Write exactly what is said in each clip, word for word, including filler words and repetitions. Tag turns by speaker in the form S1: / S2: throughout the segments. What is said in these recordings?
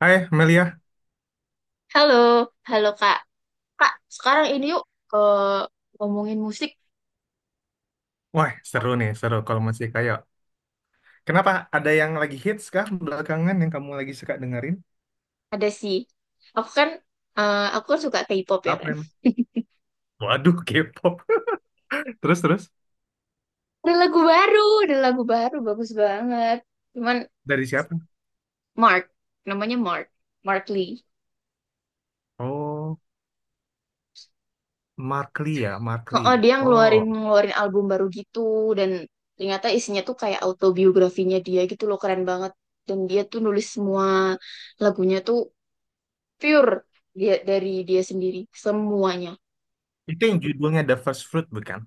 S1: Hai Melia,
S2: Halo, halo Kak. Kak, sekarang ini yuk ke ngomongin musik.
S1: wah seru nih, seru kalau masih kayak. Kenapa ada yang lagi hits kah belakangan yang kamu lagi suka dengerin?
S2: Ada sih. Aku kan eh, aku kan suka K-pop, ya
S1: Apa
S2: kan?
S1: yang? Waduh, K-pop. Terus terus
S2: Ada lagu baru, ada lagu baru bagus banget. Cuman
S1: dari siapa?
S2: Mark, namanya Mark, Mark Lee.
S1: Oh, Mark Lee ya, Mark Lee.
S2: Oh, dia
S1: Oh,
S2: ngeluarin ngeluarin album baru gitu, dan ternyata isinya tuh kayak autobiografinya dia gitu loh, keren banget. Dan dia tuh nulis semua lagunya tuh pure dia dari dia sendiri semuanya.
S1: itu yang judulnya The First Fruit bukan?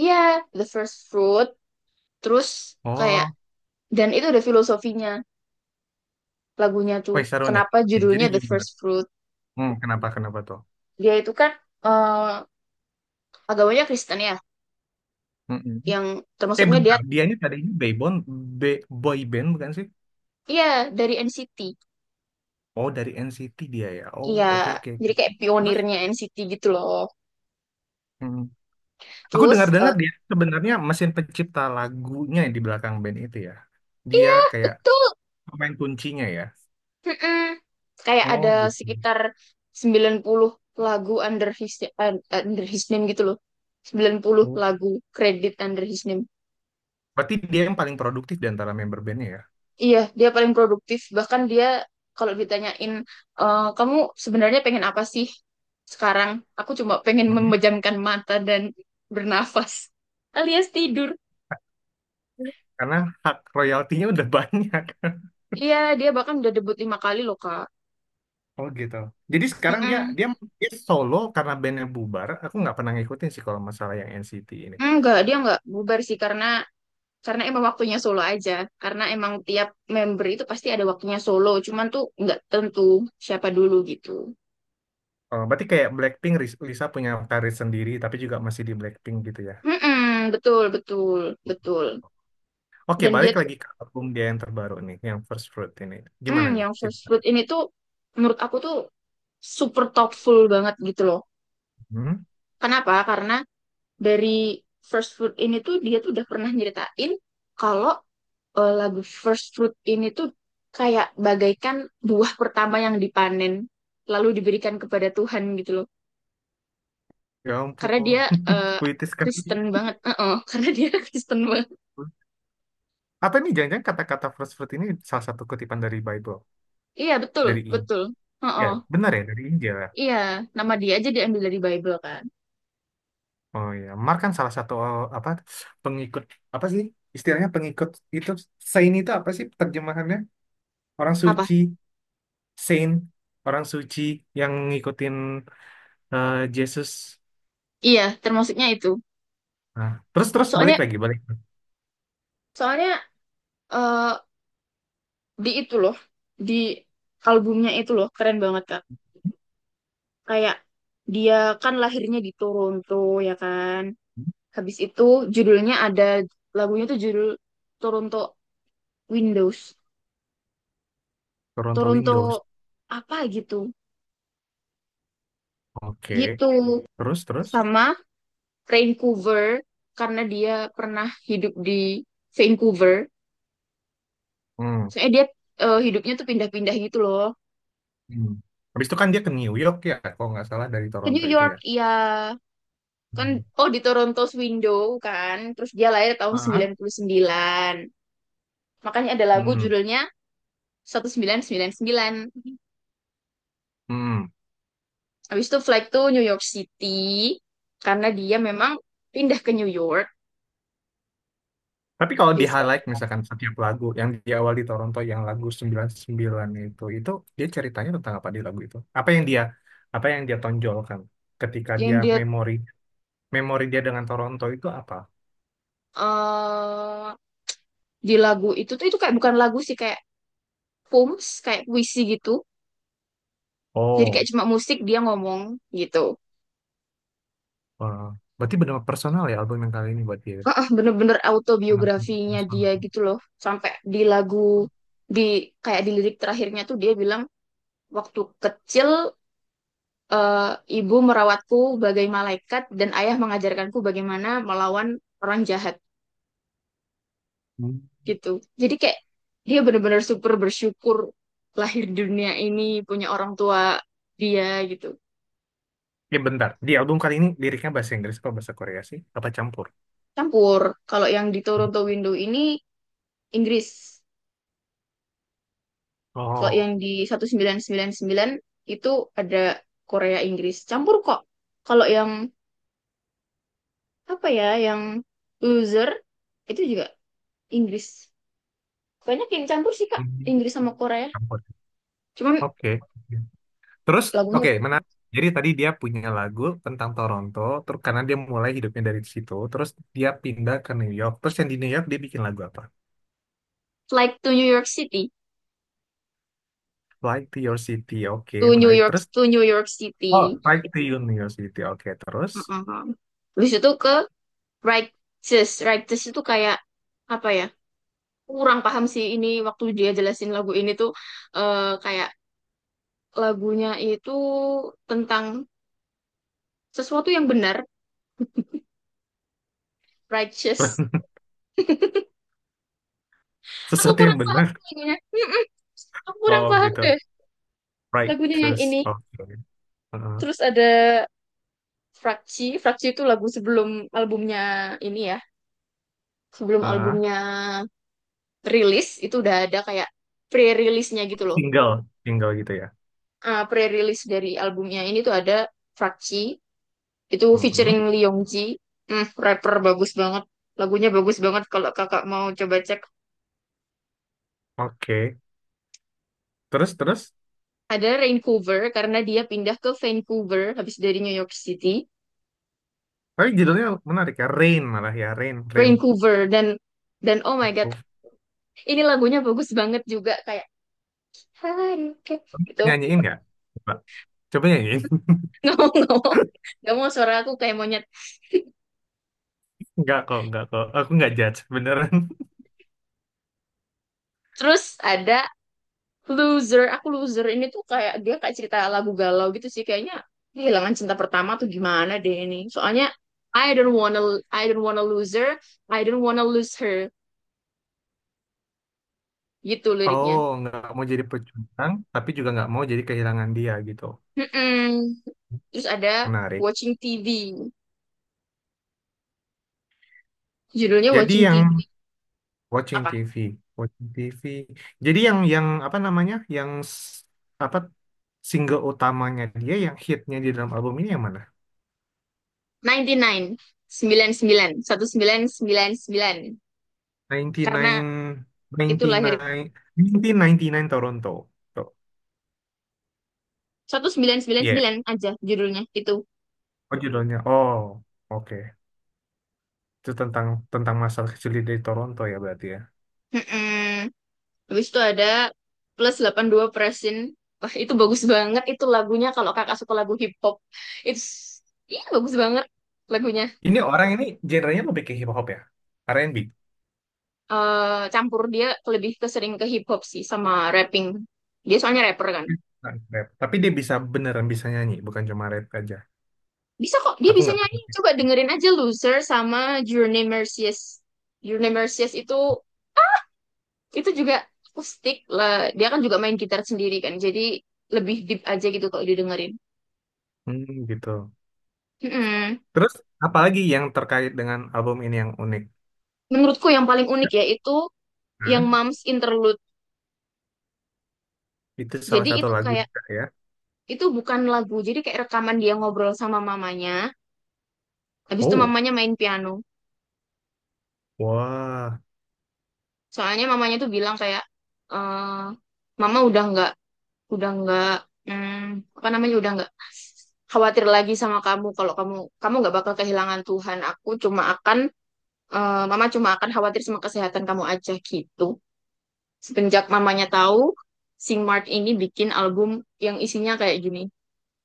S2: Iya, The First Fruit. Terus kayak,
S1: Oh,
S2: dan itu ada filosofinya lagunya tuh.
S1: wah seru nih.
S2: Kenapa
S1: Oke, jadi
S2: judulnya The
S1: gimana?
S2: First Fruit?
S1: Hmm, kenapa kenapa tuh?
S2: Dia itu kan, eh, agamanya Kristen ya,
S1: Mm-mm.
S2: yang
S1: Eh
S2: termasuknya dia.
S1: bentar, dia ini tadinya boyband, be- boy band bukan sih?
S2: Iya, dari N C T.
S1: Oh, dari N C T dia ya. Oh,
S2: Iya,
S1: oke, oke.
S2: jadi
S1: Oke.
S2: kayak
S1: Terus?
S2: pionirnya N C T gitu loh.
S1: Aku
S2: Terus, eh,
S1: dengar-dengar dia sebenarnya mesin pencipta lagunya yang di belakang band itu ya. Dia
S2: iya,
S1: kayak
S2: betul.
S1: pemain kuncinya ya.
S2: Mm-mm. Kayak
S1: Oh
S2: ada
S1: gitu.
S2: sekitar sembilan puluh lagu under his eh, under his name gitu loh. Sembilan puluh
S1: Oh.
S2: lagu kredit under his name.
S1: Berarti dia yang paling produktif di antara member bandnya ya.
S2: Iya, dia paling produktif. Bahkan dia kalau ditanyain, "Eh, kamu sebenarnya pengen apa sih sekarang? Aku cuma pengen
S1: Mm.
S2: memejamkan mata dan bernafas, alias tidur."
S1: Karena hak royaltinya udah banyak.
S2: Iya, dia bahkan udah debut lima kali loh, Kak.
S1: Oh gitu. Jadi sekarang dia
S2: Mm-mm.
S1: dia dia solo karena bandnya bubar. Aku nggak pernah ngikutin sih kalau masalah yang N C T ini.
S2: Enggak, dia enggak bubar sih, karena karena emang waktunya solo aja. Karena emang tiap member itu pasti ada waktunya solo. Cuman tuh enggak tentu siapa dulu gitu.
S1: Oh, berarti kayak Blackpink, Ris- Lisa punya karir sendiri tapi juga masih di Blackpink gitu ya.
S2: Mm-mm, betul, betul, betul.
S1: Oke,
S2: Dan dia
S1: balik lagi ke album dia yang terbaru nih, yang First Fruit ini.
S2: Hmm,
S1: Gimana nih?
S2: yang first fruit ini tuh menurut aku tuh super thoughtful banget gitu loh.
S1: Hmm?
S2: Kenapa? Karena dari first fruit ini tuh dia tuh udah pernah nyeritain kalau, eh, lagu first fruit ini tuh kayak bagaikan buah pertama yang dipanen lalu diberikan kepada Tuhan gitu loh.
S1: Ya
S2: Karena
S1: ampun,
S2: dia eh,
S1: puitis sekali.
S2: Kristen banget. Heeh, karena dia Kristen banget.
S1: Apa ini jangan-jangan kata-kata first fruit ini salah satu kutipan dari Bible,
S2: Iya, betul,
S1: dari Injil.
S2: betul.
S1: Ya,
S2: Heeh.
S1: benar ya, dari Injil, ya?
S2: Iya, nama dia aja diambil dari Bible kan.
S1: Oh ya, Mark kan salah satu eh, apa, pengikut, apa sih? Istilahnya pengikut itu saint itu apa sih terjemahannya? Orang
S2: Apa?
S1: suci, saint, orang suci yang ngikutin eh, Yesus.
S2: Iya, termasuknya itu.
S1: Nah, terus terus balik
S2: Soalnya
S1: lagi, balik.
S2: soalnya eh di itu loh, di albumnya itu loh keren banget, Kak. Kayak dia kan lahirnya di Toronto, ya kan, habis itu judulnya ada, lagunya tuh judul Toronto Windows,
S1: Toronto
S2: Toronto
S1: Windows.
S2: apa gitu
S1: Oke,
S2: gitu
S1: Terus terus.
S2: sama Vancouver, karena dia pernah hidup di Vancouver.
S1: Hmm.
S2: Soalnya dia, eh, hidupnya tuh pindah-pindah gitu loh,
S1: Hmm. Habis itu kan dia ke New York ya, kalau nggak salah dari
S2: ke
S1: Toronto
S2: New
S1: itu
S2: York,
S1: ya.
S2: iya kan.
S1: Hmm.
S2: Oh, di Toronto Window kan, terus dia lahir tahun
S1: Ah.
S2: sembilan puluh sembilan, makanya ada lagu
S1: Hmm.
S2: judulnya seribu sembilan ratus sembilan puluh sembilan.
S1: Hmm.
S2: Habis itu flight to New York City, karena dia memang pindah ke New York.
S1: Tapi kalau di
S2: Disco.
S1: highlight misalkan setiap lagu yang di awal di Toronto yang lagu sembilan sembilan itu, itu dia ceritanya tentang apa di lagu itu? Apa yang dia apa yang dia tonjolkan ketika dia
S2: Yang dia
S1: memori memori dia dengan Toronto itu apa?
S2: eh di lagu itu tuh, itu kayak bukan lagu sih, kayak poems, kayak puisi gitu, jadi
S1: Oh,
S2: kayak cuma musik dia ngomong gitu.
S1: wah. Berarti benar personal ya album yang kali ini buat dia.
S2: Ah, bener-bener
S1: Sangat
S2: autobiografinya
S1: personal.
S2: dia gitu loh, sampai di lagu, di, kayak di lirik terakhirnya tuh dia bilang, "Waktu kecil, eh, ibu merawatku bagai malaikat dan ayah mengajarkanku bagaimana melawan orang jahat,"
S1: Hmm.
S2: gitu. Jadi kayak dia benar-benar super bersyukur lahir di dunia ini punya orang tua dia gitu.
S1: Ya bentar, di album kali ini liriknya bahasa Inggris atau bahasa Korea sih? Apa campur?
S2: Campur. Kalau yang di Toronto Window ini, Inggris. Kalau yang
S1: Oh.
S2: di seribu sembilan ratus sembilan puluh sembilan itu, ada Korea Inggris. Campur kok. Kalau yang apa ya, yang loser itu juga Inggris. Kayaknya kayak campur sih, Kak,
S1: Hmm,
S2: Inggris sama Korea.
S1: campur.
S2: Cuman
S1: Oke. Terus,
S2: lagunya,
S1: oke, menarik. Jadi tadi dia punya lagu tentang Toronto, terus karena dia mulai hidupnya dari situ, terus dia pindah ke New York. Terus yang di New York dia bikin lagu apa?
S2: Flight to New York City,
S1: Fly to Your City, oke,
S2: to New
S1: menarik.
S2: York,
S1: Terus,
S2: to New York
S1: oh,
S2: City.
S1: Fly to Your New York City, oke, terus.
S2: Heeh. Terus itu ke Righteous. Righteous itu kayak apa ya? Kurang paham sih ini waktu dia jelasin lagu ini tuh, eh, kayak lagunya itu tentang sesuatu yang benar, righteous. Aku
S1: Sesuatu yang
S2: kurang paham
S1: benar.
S2: lagunya. Mm-mm. Aku kurang
S1: Oh,
S2: paham
S1: gitu.
S2: deh
S1: Right,
S2: lagunya yang
S1: terus,
S2: ini.
S1: oke. Heeh,
S2: Terus ada Frakci. Frakci itu lagu sebelum albumnya ini ya, sebelum
S1: heeh.
S2: albumnya rilis itu udah ada kayak pre release nya gitu loh.
S1: Single, single gitu ya.
S2: Ah, pre release dari albumnya ini tuh ada Frakci, itu
S1: Mm.
S2: featuring Lee Yong. Hmm, rapper bagus banget. Lagunya bagus banget kalau kakak mau coba cek.
S1: Oke, Terus, terus.
S2: Ada Vancouver karena dia pindah ke Vancouver habis dari New York City.
S1: Tapi judulnya menarik ya, Rain malah ya, Rain, Rain.
S2: Vancouver dan dan oh my God, ini lagunya bagus banget juga, kayak Haruka
S1: Kamu bisa
S2: gitu.
S1: nyanyiin nggak? Coba, coba nyanyiin.
S2: Nggak mau, nggak mau, nggak mau, suara aku kayak monyet.
S1: Nggak kok, nggak kok. Aku nggak judge, beneran.
S2: Terus ada loser, aku loser ini tuh kayak dia kayak cerita lagu galau gitu sih kayaknya, kehilangan cinta pertama tuh gimana deh, ini soalnya, "I don't wanna, I don't wanna lose her, I don't wanna lose her," gitu liriknya.
S1: Oh, nggak mau jadi pejuang, tapi juga nggak mau jadi kehilangan dia gitu.
S2: Mm-mm. Terus ada
S1: Menarik.
S2: watching T V, judulnya
S1: Jadi
S2: watching
S1: yang
S2: T V,
S1: watching
S2: apa,
S1: T V, watching T V. Jadi yang yang apa namanya? Yang s- apa, single utamanya dia yang hitnya di dalam album ini yang mana?
S2: sembilan puluh sembilan, sembilan, 99, sembilan, seribu sembilan ratus sembilan puluh sembilan. Karena
S1: sembilan puluh sembilan sembilan puluh sembilan
S2: itu lahir
S1: seribu sembilan ratus sembilan puluh sembilan Toronto. Tuh.
S2: seribu sembilan ratus sembilan puluh
S1: Iya.
S2: sembilan aja judulnya itu.
S1: Oh judulnya. Oh, oke. Itu tentang tentang masa kecil dia dari Toronto ya berarti ya.
S2: Mm-mm. Habis itu ada plus delapan dua Presin. Wah, itu bagus banget itu lagunya, kalau kakak suka lagu hip hop. Itu, iya, bagus banget lagunya.
S1: Ini orang ini genrenya lebih ke hip hop ya, er en bi.
S2: Eh campur dia, lebih ke sering ke hip hop sih, sama rapping. Dia soalnya rapper kan.
S1: Bukan Rap. Tapi dia bisa beneran bisa nyanyi, bukan cuma rap aja.
S2: Bisa kok, dia
S1: Aku
S2: bisa
S1: nggak
S2: nyanyi.
S1: pernah.
S2: Coba dengerin aja Loser sama Journey Mercies. Journey Mercies itu itu juga akustik lah. Dia kan juga main gitar sendiri kan. Jadi lebih deep aja gitu kalau didengerin.
S1: Hmm, gitu.
S2: Mm-mm.
S1: Terus apalagi yang terkait dengan album ini yang unik?
S2: Menurutku yang paling unik ya itu yang
S1: Nah,
S2: Moms Interlude.
S1: itu salah
S2: Jadi
S1: satu
S2: itu
S1: lagu
S2: kayak
S1: juga ya.
S2: itu bukan lagu, jadi kayak rekaman dia ngobrol sama mamanya. Habis itu
S1: Oh,
S2: mamanya main piano.
S1: wah.
S2: Soalnya mamanya tuh bilang kayak, eh mama udah nggak, udah nggak, hmm, apa namanya, udah nggak khawatir lagi sama kamu, kalau kamu kamu nggak bakal kehilangan Tuhan. Aku cuma akan eh, mama cuma akan khawatir sama kesehatan kamu aja gitu. Semenjak mamanya tahu Sing Mart ini bikin album yang isinya kayak gini,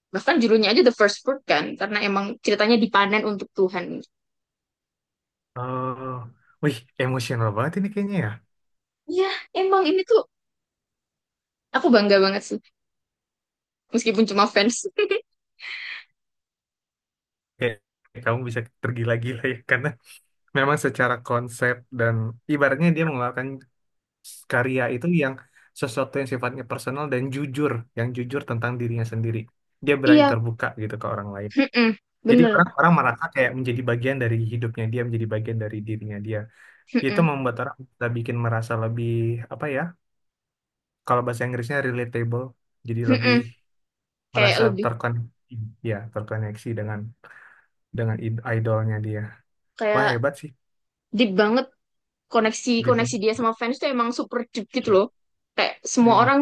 S2: bahkan judulnya aja the first fruit kan, karena emang ceritanya dipanen untuk Tuhan.
S1: Eh, wih, emosional banget ini kayaknya ya.
S2: Iya, emang ini tuh aku bangga banget sih, meskipun cuma fans.
S1: Kayak kamu bisa tergila-gila ya karena memang secara konsep dan ibaratnya dia mengeluarkan karya itu yang sesuatu yang sifatnya personal dan jujur, yang jujur tentang dirinya sendiri. Dia berani
S2: Iya,
S1: terbuka gitu ke orang lain.
S2: mm-mm,
S1: Jadi
S2: bener.
S1: orang-orang merasa kayak menjadi bagian dari hidupnya dia, menjadi bagian dari dirinya dia. Itu
S2: Mm-mm,
S1: membuat orang bisa bikin merasa lebih apa ya? Kalau bahasa Inggrisnya relatable, jadi lebih
S2: mm-mm. Kayak
S1: merasa
S2: lebih,
S1: terkoneksi, ya terkoneksi dengan dengan id- idolnya dia. Wah
S2: kayak
S1: hebat sih,
S2: deep banget, koneksi
S1: Dipa.
S2: koneksi dia sama fans tuh emang super deep gitu loh. Kayak semua
S1: Mm.
S2: orang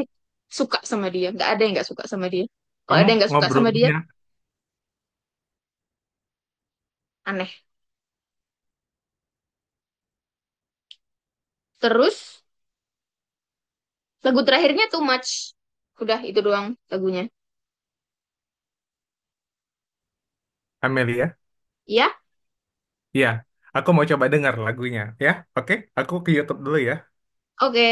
S2: suka sama dia, nggak ada yang nggak suka sama dia. Kalau
S1: Kamu
S2: ada yang nggak suka sama dia,
S1: ngobrolnya
S2: aneh. Terus lagu terakhirnya too much, udah itu doang lagunya.
S1: Amelia.
S2: Ya,
S1: Iya, aku mau coba dengar lagunya, ya. Oke, aku ke YouTube dulu ya.
S2: oke.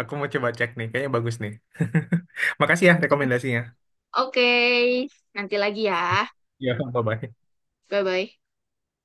S1: Aku mau coba cek nih, kayaknya bagus nih. Makasih ya rekomendasinya.
S2: Oke, nanti lagi ya.
S1: Iya, bye-bye.
S2: Bye-bye.